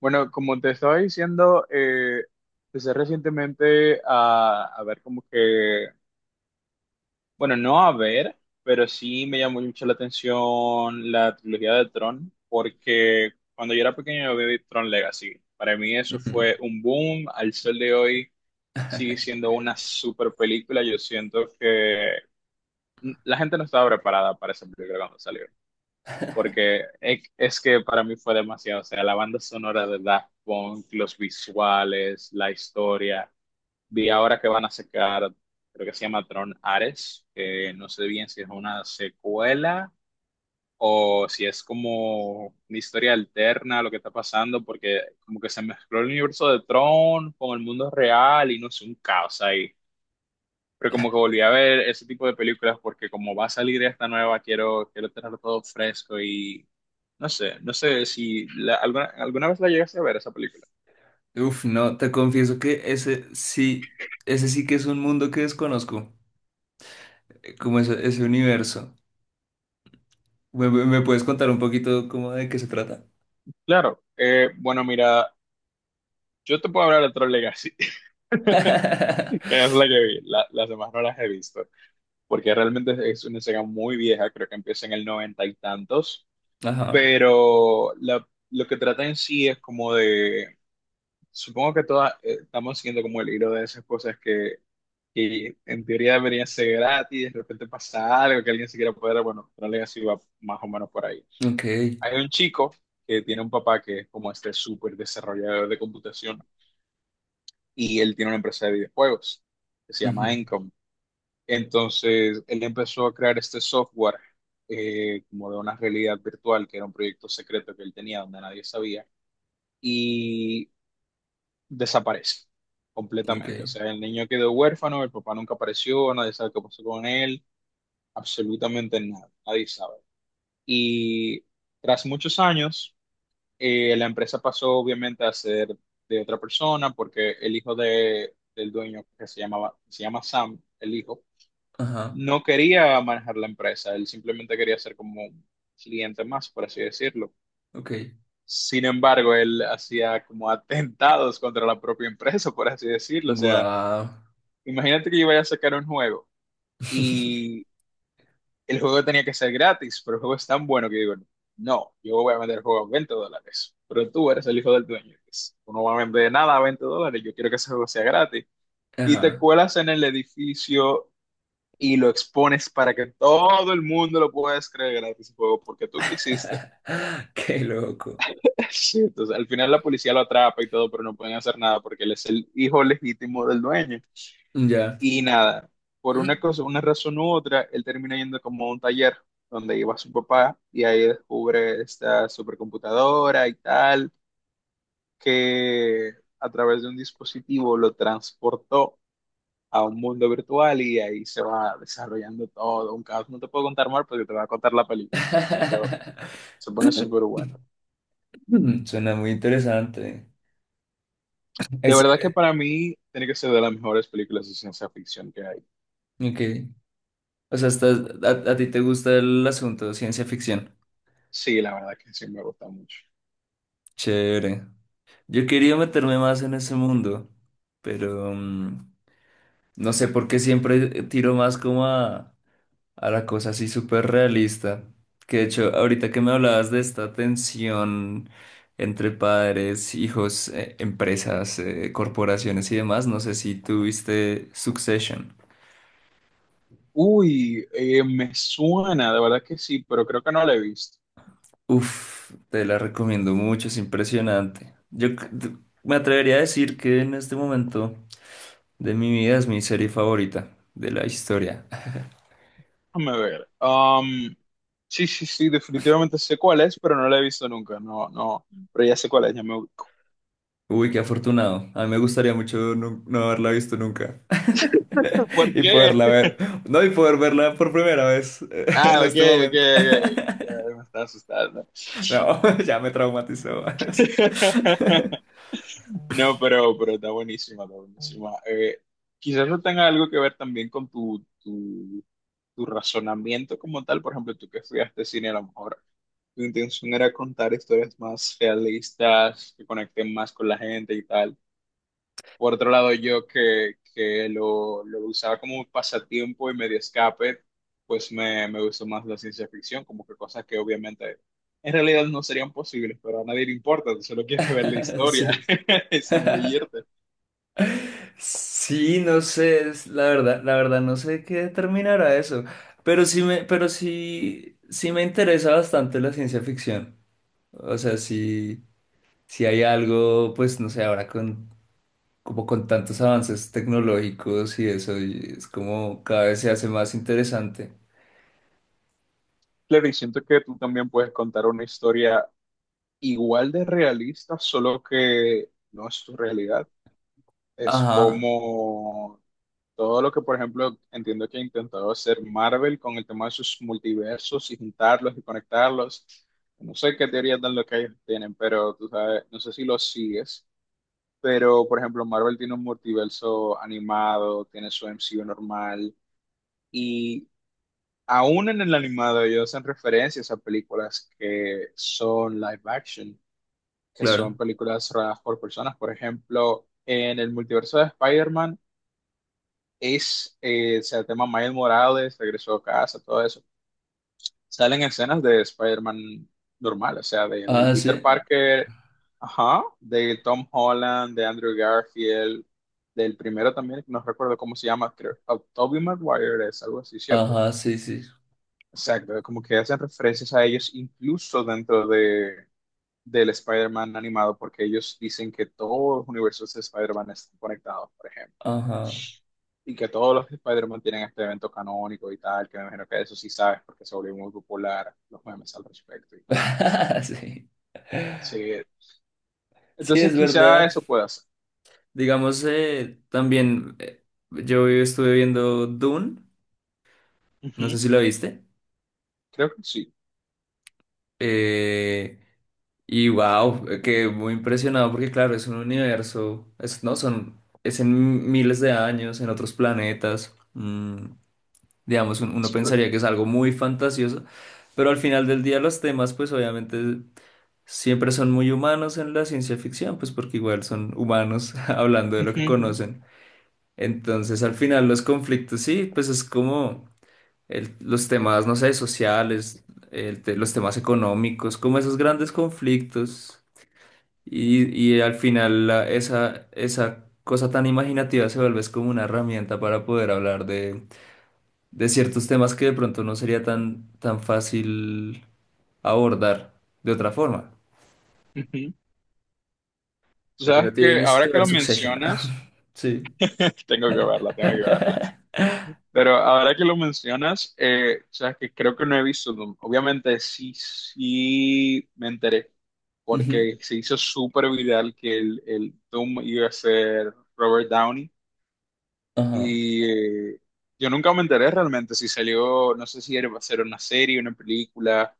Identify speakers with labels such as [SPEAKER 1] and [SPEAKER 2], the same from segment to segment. [SPEAKER 1] Bueno, como te estaba diciendo, empecé recientemente a ver como que, bueno, no a ver, pero sí me llamó mucho la atención la trilogía de Tron, porque cuando yo era pequeño yo vi Tron Legacy. Para mí eso
[SPEAKER 2] Ujú.
[SPEAKER 1] fue un boom, al sol de hoy sigue siendo una super película. Yo siento que la gente no estaba preparada para esa película cuando salió porque es que para mí fue demasiado, o sea, la banda sonora de Daft Punk, los visuales, la historia, vi ahora que van a sacar, creo que se llama Tron Ares, que no sé bien si es una secuela o si es como una historia alterna a lo que está pasando, porque como que se mezcló el universo de Tron con el mundo real y no sé, un caos ahí, pero como que volví a ver ese tipo de películas porque como va a salir esta nueva, quiero tenerlo todo fresco y no sé, no sé si alguna vez la llegaste a ver esa película.
[SPEAKER 2] Uf, no, te confieso que ese sí que es un mundo que desconozco, como ese universo. ¿Me puedes contar un poquito cómo de qué se trata?
[SPEAKER 1] Claro, bueno, mira, yo te puedo hablar de Tron Legacy, que es la que vi, las demás no las he visto, porque realmente es una saga muy vieja, creo que empieza en el noventa y tantos,
[SPEAKER 2] Ajá,
[SPEAKER 1] pero lo que trata en sí es como de... Supongo que todas estamos siguiendo como el hilo de esas cosas que y en teoría debería ser gratis, de repente pasa algo que alguien se quiera poder, bueno, Tron Legacy va más o menos por ahí.
[SPEAKER 2] ok,
[SPEAKER 1] Hay un chico que tiene un papá que es como este súper desarrollador de computación y él tiene una empresa de videojuegos que se llama
[SPEAKER 2] ujú,
[SPEAKER 1] Encom. Entonces, él empezó a crear este software como de una realidad virtual, que era un proyecto secreto que él tenía donde nadie sabía, y desaparece
[SPEAKER 2] ok,
[SPEAKER 1] completamente. O sea, el niño quedó huérfano, el papá nunca apareció, nadie sabe qué pasó con él. Absolutamente nada, nadie sabe. Y tras muchos años, la empresa pasó obviamente a ser de otra persona porque el hijo del dueño, que se llamaba, se llama Sam, el hijo,
[SPEAKER 2] ajá,
[SPEAKER 1] no quería manejar la empresa, él simplemente quería ser como un cliente más, por así decirlo.
[SPEAKER 2] ok,
[SPEAKER 1] Sin embargo, él hacía como atentados contra la propia empresa, por así decirlo. O sea,
[SPEAKER 2] guau,
[SPEAKER 1] imagínate que yo vaya a sacar un juego y el juego tenía que ser gratis, pero el juego es tan bueno que digo, no, yo voy a vender el juego a 20 dólares, pero tú eres el hijo del dueño, pues, tú no vas a vender nada a 20 dólares, yo quiero que ese juego sea gratis. Y te
[SPEAKER 2] ajá,
[SPEAKER 1] cuelas en el edificio y lo expones para que todo el mundo lo pueda descargar gratis el juego porque tú quisiste.
[SPEAKER 2] qué loco,
[SPEAKER 1] Sí, entonces, al final la policía lo atrapa y todo, pero no pueden hacer nada porque él es el hijo legítimo del dueño.
[SPEAKER 2] ya.
[SPEAKER 1] Y nada, por una cosa, una razón u otra, él termina yendo como a un taller donde iba su papá y ahí descubre esta supercomputadora y tal, que a través de un dispositivo lo transportó a un mundo virtual y ahí se va desarrollando todo, un caos. No te puedo contar más porque te va a contar la película después, pero se pone súper bueno.
[SPEAKER 2] Suena muy interesante.
[SPEAKER 1] De
[SPEAKER 2] Es,
[SPEAKER 1] verdad que
[SPEAKER 2] eh,
[SPEAKER 1] para mí tiene que ser de las mejores películas de ciencia ficción que hay.
[SPEAKER 2] ok, O sea, a ti te gusta el asunto de ciencia ficción.
[SPEAKER 1] Sí, la verdad que sí me gusta mucho.
[SPEAKER 2] Chévere. Yo quería meterme más en ese mundo, pero no sé por qué siempre tiro más como a la cosa así súper realista. Que de hecho, ahorita que me hablabas de esta tensión entre padres, hijos, empresas, corporaciones y demás, no sé si tuviste Succession.
[SPEAKER 1] Uy, me suena, de verdad que sí, pero creo que no la he visto.
[SPEAKER 2] Uf, te la recomiendo mucho, es impresionante. Me atrevería a decir que en este momento de mi vida es mi serie favorita de la historia.
[SPEAKER 1] Déjame ver. Sí, sí, sí, definitivamente sé cuál es, pero no la he visto nunca. No, no, pero ya sé cuál es, ya me ubico.
[SPEAKER 2] Uy, qué afortunado. A mí me gustaría mucho no, haberla visto nunca.
[SPEAKER 1] ¿Por
[SPEAKER 2] Y
[SPEAKER 1] qué?
[SPEAKER 2] poderla ver. No, y poder verla por primera vez en
[SPEAKER 1] Ah, ok,
[SPEAKER 2] este
[SPEAKER 1] ok,
[SPEAKER 2] momento.
[SPEAKER 1] ok. Ya me está asustando.
[SPEAKER 2] No, ya me traumatizó.
[SPEAKER 1] No, pero está buenísima, está buenísima. Quizás no tenga algo que ver también con tu razonamiento como tal. Por ejemplo, tú que estudiaste cine a lo mejor. Mi intención era contar historias más realistas, que conecten más con la gente y tal. Por otro lado, yo que lo usaba como un pasatiempo y medio escape, pues me gustó más la ciencia ficción, como que cosas que obviamente en realidad no serían posibles, pero a nadie le importa, tú solo quieres ver la historia,
[SPEAKER 2] Sí.
[SPEAKER 1] es zambullirte.
[SPEAKER 2] Sí, no sé, la verdad no sé qué determinará eso, pero sí me, pero sí, sí me interesa bastante la ciencia ficción. O sea, si hay algo, pues no sé, ahora con como con tantos avances tecnológicos y eso, y es como cada vez se hace más interesante.
[SPEAKER 1] Claro, y siento que tú también puedes contar una historia igual de realista, solo que no es tu realidad. Es
[SPEAKER 2] Ajá,
[SPEAKER 1] como todo lo que, por ejemplo, entiendo que ha intentado hacer Marvel con el tema de sus multiversos y juntarlos y conectarlos. No sé qué teorías tan locas ellos tienen, pero tú sabes, no sé si los sigues. Pero, por ejemplo, Marvel tiene un multiverso animado, tiene su MCU normal, y aún en el animado ellos hacen referencias a películas que son live action, que son
[SPEAKER 2] claro.
[SPEAKER 1] películas rodadas por personas. Por ejemplo, en el multiverso de Spider-Man, Ace, o sea, el tema Miles Morales, regresó a casa, todo eso. Salen escenas de Spider-Man normal, o sea, del
[SPEAKER 2] Ah,
[SPEAKER 1] Peter
[SPEAKER 2] sí.
[SPEAKER 1] Parker, ajá, de Tom Holland, de Andrew Garfield, del primero también, que no recuerdo cómo se llama, creo, oh, Tobey Maguire es algo así, ¿cierto?
[SPEAKER 2] Ajá, sí, sí.
[SPEAKER 1] Exacto, como que hacen referencias a ellos incluso dentro de, del Spider-Man animado, porque ellos dicen que todos los universos de Spider-Man están conectados, por ejemplo.
[SPEAKER 2] Ajá.
[SPEAKER 1] Y que todos los Spider-Man tienen este evento canónico y tal, que me imagino que eso sí sabes, porque se volvió muy popular los memes al respecto y tal.
[SPEAKER 2] Sí.
[SPEAKER 1] Sí,
[SPEAKER 2] Sí,
[SPEAKER 1] entonces
[SPEAKER 2] es
[SPEAKER 1] quizá
[SPEAKER 2] verdad.
[SPEAKER 1] eso pueda ser.
[SPEAKER 2] Digamos, también, yo estuve viendo Dune, no sé
[SPEAKER 1] Ujú,
[SPEAKER 2] si lo viste,
[SPEAKER 1] creo que sí.
[SPEAKER 2] eh, y wow, quedé muy impresionado porque claro, es un universo, es, no, son, es en miles de años, en otros planetas, digamos, uno
[SPEAKER 1] Espe-
[SPEAKER 2] pensaría que es algo muy fantasioso, pero al final del día los temas pues obviamente siempre son muy humanos en la ciencia ficción, pues porque igual son humanos hablando de lo que
[SPEAKER 1] ujú,
[SPEAKER 2] conocen. Entonces, al final, los conflictos, sí, pues es como los temas, no sé, sociales, los temas económicos, como esos grandes conflictos. Y, y al final esa, esa cosa tan imaginativa se vuelve es como una herramienta para poder hablar de ciertos temas que de pronto no sería tan, tan fácil abordar de otra forma.
[SPEAKER 1] ujú. Tú
[SPEAKER 2] Pero
[SPEAKER 1] sabes que
[SPEAKER 2] tienes
[SPEAKER 1] ahora
[SPEAKER 2] que
[SPEAKER 1] que
[SPEAKER 2] ver
[SPEAKER 1] lo
[SPEAKER 2] Succession.
[SPEAKER 1] mencionas,
[SPEAKER 2] Sí.
[SPEAKER 1] tengo que verla, tengo que verla. Pero ahora que lo mencionas, sabes que creo que no he visto, Doom. Obviamente sí, sí me enteré,
[SPEAKER 2] Ujú.
[SPEAKER 1] porque se hizo súper viral que el Doom iba a ser Robert Downey.
[SPEAKER 2] Ajá.
[SPEAKER 1] Y yo nunca me enteré realmente si salió, no sé si era, va a ser una serie, una película,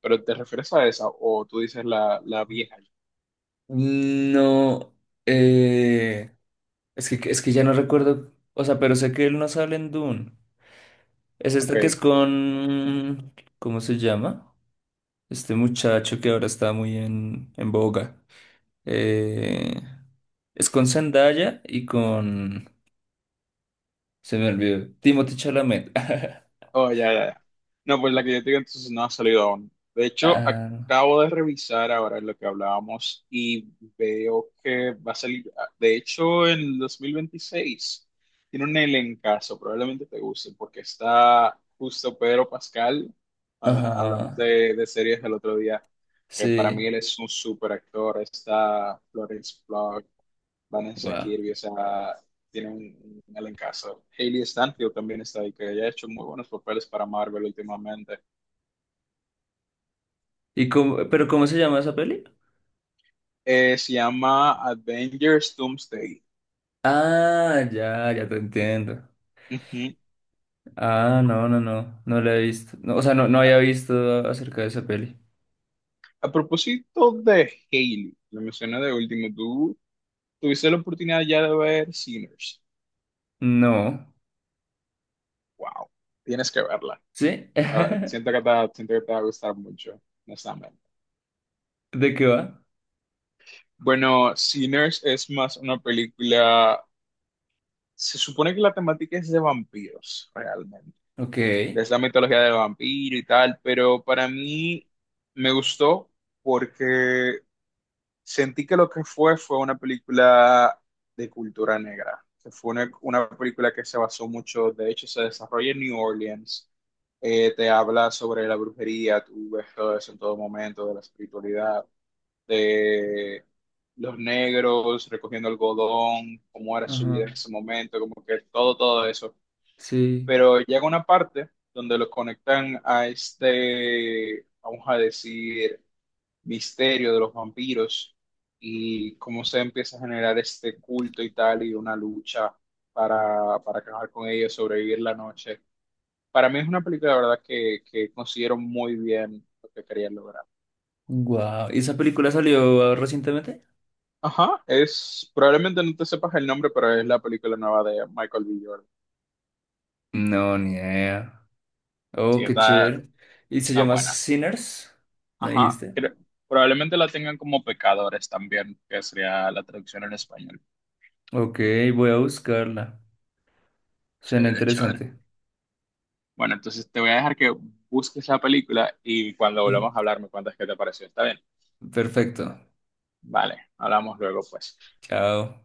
[SPEAKER 1] pero ¿te refieres a esa? O tú dices la vieja.
[SPEAKER 2] No, eh, es que ya no recuerdo, o sea, pero sé que él no sale en Dune. Es esta que es
[SPEAKER 1] Ok.
[SPEAKER 2] con... ¿Cómo se llama? Este muchacho que ahora está muy en boga. Eh, es con Zendaya y con... Se me olvidó. Timothy Chalamet.
[SPEAKER 1] Oh, ya, ya, ya. No, pues la que yo te digo entonces no ha salido aún. De hecho,
[SPEAKER 2] Ah,
[SPEAKER 1] acabo de revisar ahora lo que hablábamos y veo que va a salir, ah, de hecho, en el 2026. Tiene un elencazo, probablemente te guste, porque está justo Pedro Pascal, cuando hablamos
[SPEAKER 2] ajá.
[SPEAKER 1] de series el otro día, que para
[SPEAKER 2] Sí.
[SPEAKER 1] mí él es un súper actor. Está Florence Pugh, Vanessa
[SPEAKER 2] Wow.
[SPEAKER 1] Kirby, o sea, tiene un elencazo. Hayley Stanfield también está ahí, que ella ha hecho muy buenos papeles para Marvel últimamente.
[SPEAKER 2] ¿Pero cómo se llama esa peli?
[SPEAKER 1] Se llama Avengers Doomsday.
[SPEAKER 2] Ah, ya, ya te entiendo.
[SPEAKER 1] Ujú.
[SPEAKER 2] Ah, no, no, no. No la he visto. No, o sea, no, no había visto acerca de esa peli.
[SPEAKER 1] A propósito de Hayley, lo mencioné de último, tú tuviste la oportunidad ya de ver Sinners.
[SPEAKER 2] No.
[SPEAKER 1] Wow, tienes que verla.
[SPEAKER 2] ¿Sí?
[SPEAKER 1] Ah, Siento que te va a gustar mucho, honestamente.
[SPEAKER 2] ¿De qué va?
[SPEAKER 1] Bueno, Sinners es más una película, se supone que la temática es de vampiros, realmente
[SPEAKER 2] Ok.
[SPEAKER 1] de esa mitología del vampiro y tal, pero para mí me gustó porque sentí que lo que fue fue una película de cultura negra, que fue una película que se basó mucho, de hecho se desarrolla en New Orleans. Te habla sobre la brujería, tú ves todo eso en todo momento, de la espiritualidad, de los negros recogiendo algodón, cómo era su vida
[SPEAKER 2] Ajá,
[SPEAKER 1] en ese momento, como que todo, todo eso,
[SPEAKER 2] sí.
[SPEAKER 1] pero llega una parte donde lo conectan a este, vamos a decir, misterio de los vampiros y cómo se empieza a generar este culto y tal y una lucha para acabar con ellos, sobrevivir la noche. Para mí es una película, la verdad, que considero muy bien lo que querían lograr.
[SPEAKER 2] Wow. ¿Y esa película salió recientemente?
[SPEAKER 1] Ajá, es, probablemente no te sepas el nombre, pero es la película nueva de Michael B. Jordan.
[SPEAKER 2] No, ni idea. Oh,
[SPEAKER 1] Sí,
[SPEAKER 2] qué chévere. ¿Y se
[SPEAKER 1] está
[SPEAKER 2] llama
[SPEAKER 1] buena.
[SPEAKER 2] Sinners? ¿Me
[SPEAKER 1] Ajá,
[SPEAKER 2] dijiste?
[SPEAKER 1] creo- probablemente la tengan como pecadores también, que sería la traducción en español.
[SPEAKER 2] Ok, voy a buscarla. Suena
[SPEAKER 1] Chévere, chévere.
[SPEAKER 2] interesante.
[SPEAKER 1] Bueno, entonces te voy a dejar que busques la película y cuando volvamos a hablar me cuentas qué te pareció. ¿Está bien?
[SPEAKER 2] Perfecto.
[SPEAKER 1] Vale, hablamos luego, pues.
[SPEAKER 2] Chao.